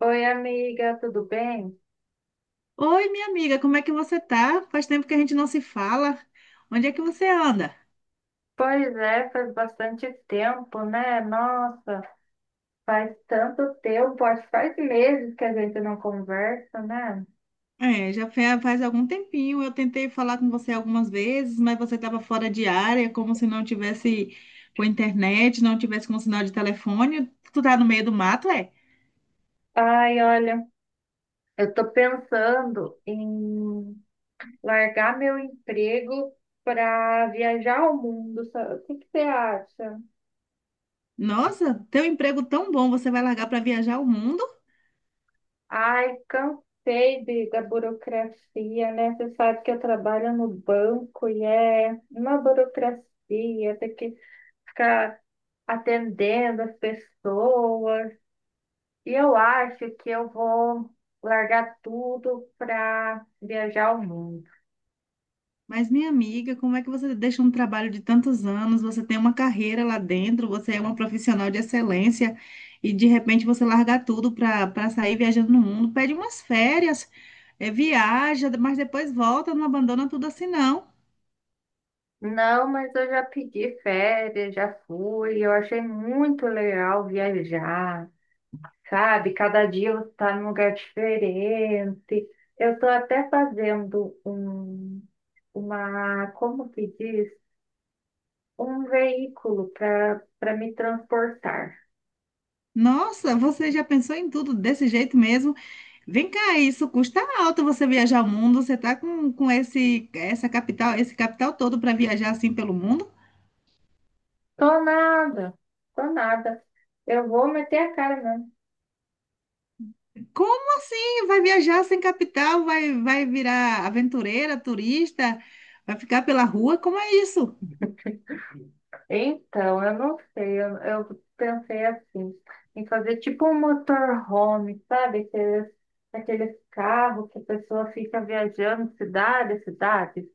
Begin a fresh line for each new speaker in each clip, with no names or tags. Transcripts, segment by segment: Oi, amiga, tudo bem?
Oi, minha amiga, como é que você tá? Faz tempo que a gente não se fala. Onde é que você anda?
Pois é, faz bastante tempo, né? Nossa, faz tanto tempo, acho que faz meses que a gente não conversa, né?
É, faz algum tempinho. Eu tentei falar com você algumas vezes, mas você estava fora de área, como se não tivesse com internet, não tivesse com sinal de telefone. Tu tá no meio do mato, é?
Ai, olha, eu tô pensando em largar meu emprego para viajar ao mundo, sabe? O que que você acha?
Nossa, teu emprego tão bom, você vai largar para viajar o mundo?
Ai, cansei da burocracia, né? Você sabe que eu trabalho no banco e é uma burocracia, tem que ficar atendendo as pessoas. E eu acho que eu vou largar tudo para viajar o mundo.
Mas, minha amiga, como é que você deixa um trabalho de tantos anos, você tem uma carreira lá dentro, você é uma profissional de excelência e de repente você larga tudo para sair viajando no mundo, pede umas férias, viaja, mas depois volta, não abandona tudo assim, não.
Não, mas eu já pedi férias, já fui. Eu achei muito legal viajar, sabe? Cada dia você está num lugar diferente. Eu estou até fazendo como que diz? Um veículo para me transportar.
Nossa, você já pensou em tudo desse jeito mesmo? Vem cá, isso custa alto você viajar o mundo, você tá com esse, essa capital, esse capital todo para viajar assim pelo mundo?
Tô nada, tô nada. Eu vou meter a cara mesmo.
Como assim? Vai viajar sem capital? Vai, vai virar aventureira, turista? Vai ficar pela rua? Como é isso?
Então, eu não sei, eu pensei assim, em fazer tipo um motorhome, sabe? Aqueles, aqueles carros que a pessoa fica viajando cidade, a cidade.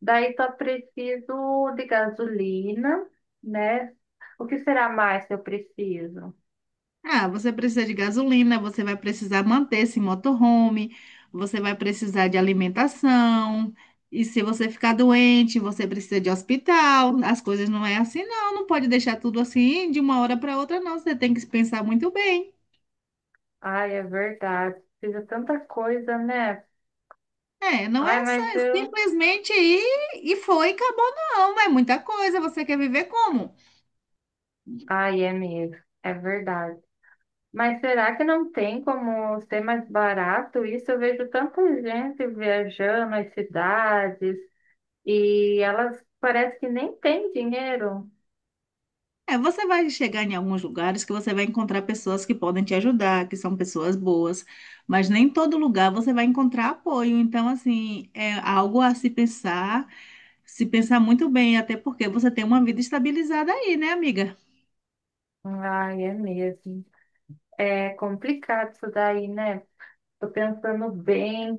Daí só preciso de gasolina, né? O que será mais que eu preciso?
Ah, você precisa de gasolina, você vai precisar manter esse motorhome, você vai precisar de alimentação. E se você ficar doente, você precisa de hospital. As coisas não é assim, não. Não pode deixar tudo assim de uma hora para outra, não. Você tem que pensar muito bem.
Ai, é verdade. Precisa tanta coisa, né?
É, não
Ai,
é só
mas
é
eu.
simplesmente ir e foi, acabou, não. É muita coisa. Você quer viver como?
Ai, é mesmo. É verdade. Mas será que não tem como ser mais barato isso? Eu vejo tanta gente viajando as cidades e elas parece que nem têm dinheiro.
É, você vai chegar em alguns lugares que você vai encontrar pessoas que podem te ajudar, que são pessoas boas, mas nem todo lugar você vai encontrar apoio. Então, assim, é algo a se pensar, se pensar muito bem, até porque você tem uma vida estabilizada aí, né, amiga?
Ai, é mesmo. É complicado isso daí, né? Tô pensando bem,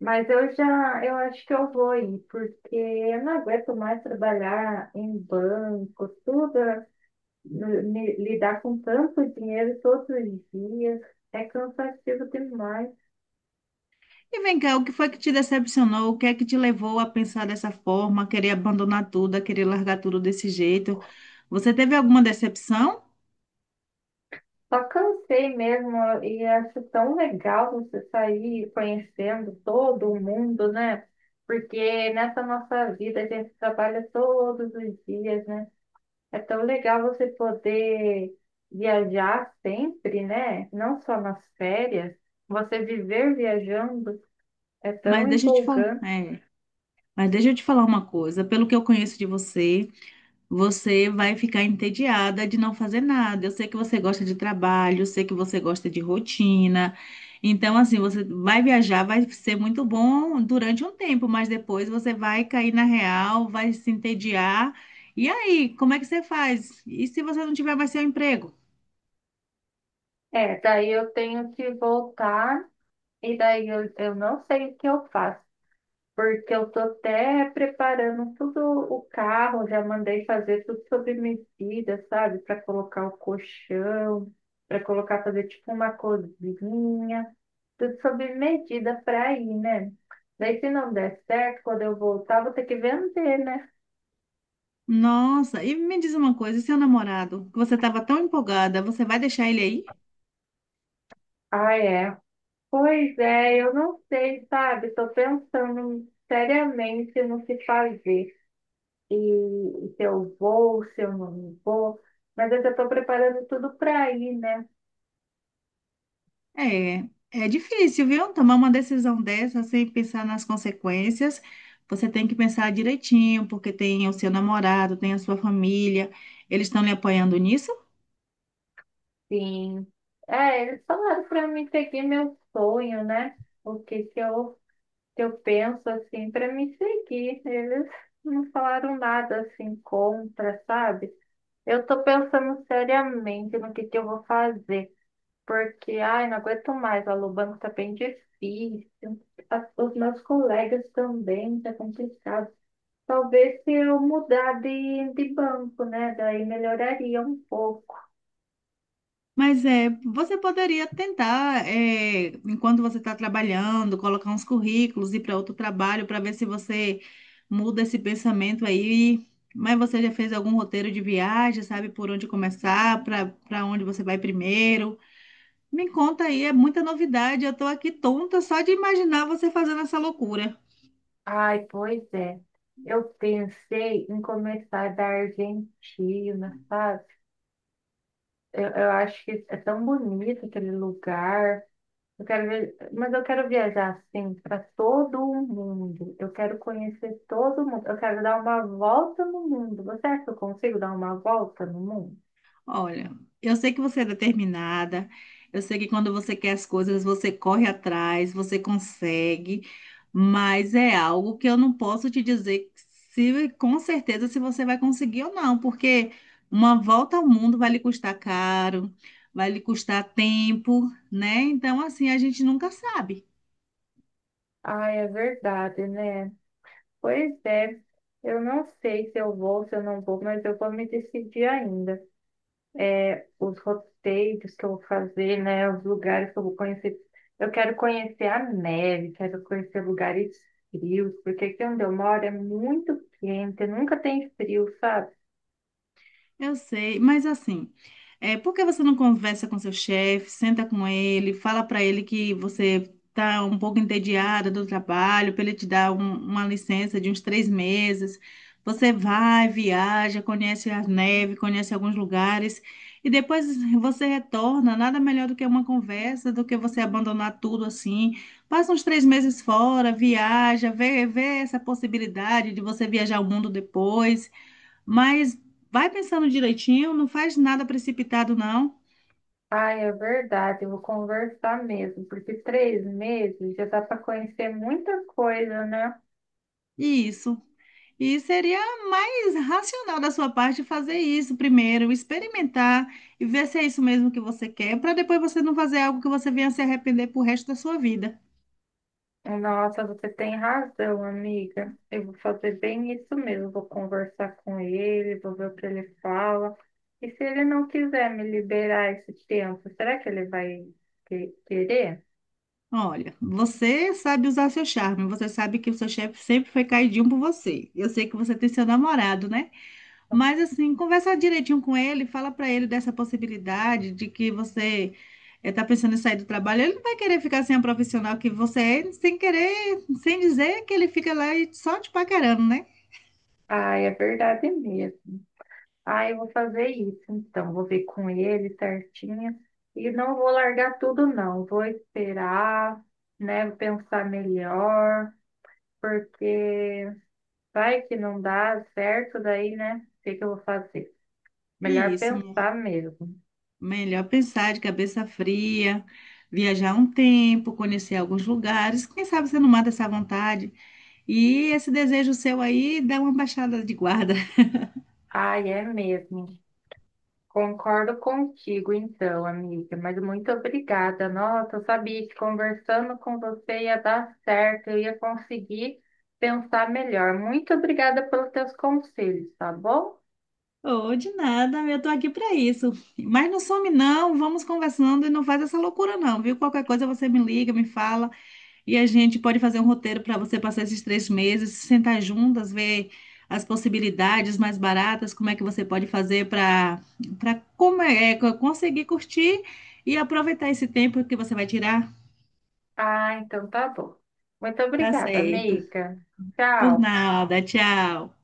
mas eu já, eu acho que eu vou ir, porque eu não aguento mais trabalhar em banco, tudo, lidar com tanto dinheiro todos os dias. É cansativo demais.
E vem cá, o que foi que te decepcionou? O que é que te levou a pensar dessa forma, a querer abandonar tudo, a querer largar tudo desse jeito? Você teve alguma decepção?
Só cansei mesmo e acho tão legal você sair conhecendo todo mundo, né? Porque nessa nossa vida a gente trabalha todos os dias, né? É tão legal você poder viajar sempre, né? Não só nas férias, você viver viajando é tão
Mas deixa eu te falar,
empolgante.
é, mas deixa eu te falar uma coisa. Pelo que eu conheço de você, você vai ficar entediada de não fazer nada. Eu sei que você gosta de trabalho, eu sei que você gosta de rotina. Então, assim, você vai viajar, vai ser muito bom durante um tempo, mas depois você vai cair na real, vai se entediar. E aí, como é que você faz? E se você não tiver mais seu emprego?
É, daí eu tenho que voltar e daí eu não sei o que eu faço. Porque eu tô até preparando tudo o carro, já mandei fazer tudo sobre medida, sabe? Para colocar o colchão, para colocar fazer tipo uma cozinha, tudo sobre medida para ir, né? Daí se não der certo, quando eu voltar, vou ter que vender, né?
Nossa, e me diz uma coisa, e seu namorado, que você estava tão empolgada, você vai deixar ele aí?
Ah, é. Pois é, eu não sei, sabe? Tô pensando seriamente no que fazer. E se eu vou, se eu não vou. Mas eu já tô preparando tudo para ir, né?
É, é difícil, viu? Tomar uma decisão dessa sem pensar nas consequências. Você tem que pensar direitinho, porque tem o seu namorado, tem a sua família. Eles estão lhe apoiando nisso?
Sim. É, eles falaram para mim seguir meu sonho, né? O que que eu penso, assim, para me seguir. Eles não falaram nada, assim, contra, sabe? Eu tô pensando seriamente no que eu vou fazer. Porque, ai, não aguento mais, a Lubanco tá bem difícil. Os meus colegas também, tá complicado. Talvez se eu mudar de banco, né? Daí melhoraria um pouco.
Mas é, você poderia tentar, é, enquanto você está trabalhando, colocar uns currículos, ir para outro trabalho para ver se você muda esse pensamento aí. Mas você já fez algum roteiro de viagem, sabe por onde começar, para onde você vai primeiro? Me conta aí, é muita novidade. Eu estou aqui tonta só de imaginar você fazendo essa loucura.
Ai, pois é. Eu pensei em começar da Argentina, sabe? Eu acho que é tão bonito aquele lugar. Eu quero ver, mas eu quero viajar assim para todo o mundo. Eu quero conhecer todo mundo. Eu quero dar uma volta no mundo. Você acha que eu consigo dar uma volta no mundo?
Olha, eu sei que você é determinada, eu sei que quando você quer as coisas, você corre atrás, você consegue, mas é algo que eu não posso te dizer se com certeza se você vai conseguir ou não, porque uma volta ao mundo vai lhe custar caro, vai lhe custar tempo, né? Então, assim, a gente nunca sabe.
Ai, é verdade, né? Pois é. Eu não sei se eu vou, se eu não vou, mas eu vou me decidir ainda. É, os roteiros que eu vou fazer, né? Os lugares que eu vou conhecer. Eu quero conhecer a neve, quero conhecer lugares frios, porque aqui onde eu moro é muito quente, nunca tem frio, sabe?
Eu sei, mas assim, é, por que você não conversa com seu chefe, senta com ele, fala para ele que você está um pouco entediada do trabalho, para ele te dar uma licença de uns 3 meses? Você vai, viaja, conhece a neve, conhece alguns lugares, e depois você retorna. Nada melhor do que uma conversa, do que você abandonar tudo assim. Passa uns 3 meses fora, viaja, vê, vê essa possibilidade de você viajar o mundo depois. Mas vai pensando direitinho, não faz nada precipitado, não.
Ah, é verdade, eu vou conversar mesmo, porque 3 meses já dá para conhecer muita coisa, né?
Isso. E seria mais racional da sua parte fazer isso primeiro, experimentar e ver se é isso mesmo que você quer, para depois você não fazer algo que você venha se arrepender pro resto da sua vida.
Nossa, você tem razão, amiga. Eu vou fazer bem isso mesmo. Vou conversar com ele, vou ver o que ele fala. E se ele não quiser me liberar esse tempo, será que ele vai querer?
Olha, você sabe usar seu charme, você sabe que o seu chefe sempre foi caidinho por você. Eu sei que você tem seu namorado, né? Mas assim, conversar direitinho com ele, fala para ele dessa possibilidade de que você está pensando em sair do trabalho. Ele não vai querer ficar sem a profissional que você é, sem querer, sem dizer que ele fica lá e só te paquerando, né?
Ah, é verdade mesmo. Ah, eu vou fazer isso, então. Vou ver com ele certinho. E não vou largar tudo, não. Vou esperar, né? Vou pensar melhor, porque vai que não dá certo daí, né? O que que eu vou fazer?
E
Melhor
isso, minha-
pensar mesmo.
Melhor pensar de cabeça fria, viajar um tempo, conhecer alguns lugares. Quem sabe você não mata essa vontade. E esse desejo seu aí dá uma baixada de guarda.
Ai, é mesmo. Concordo contigo, então, amiga, mas muito obrigada. Nossa, eu sabia que conversando com você ia dar certo, eu ia conseguir pensar melhor. Muito obrigada pelos teus conselhos, tá bom?
Oh, de nada, eu tô aqui pra isso. Mas não some não, vamos conversando e não faz essa loucura não, viu? Qualquer coisa você me liga, me fala e a gente pode fazer um roteiro para você passar esses 3 meses, se sentar juntas, ver as possibilidades mais baratas, como é que você pode fazer para para como é, é, co- conseguir curtir e aproveitar esse tempo que você vai tirar.
Ah, então tá bom. Muito
Tá
obrigada,
certo.
amiga.
Por
Tchau.
nada, tchau.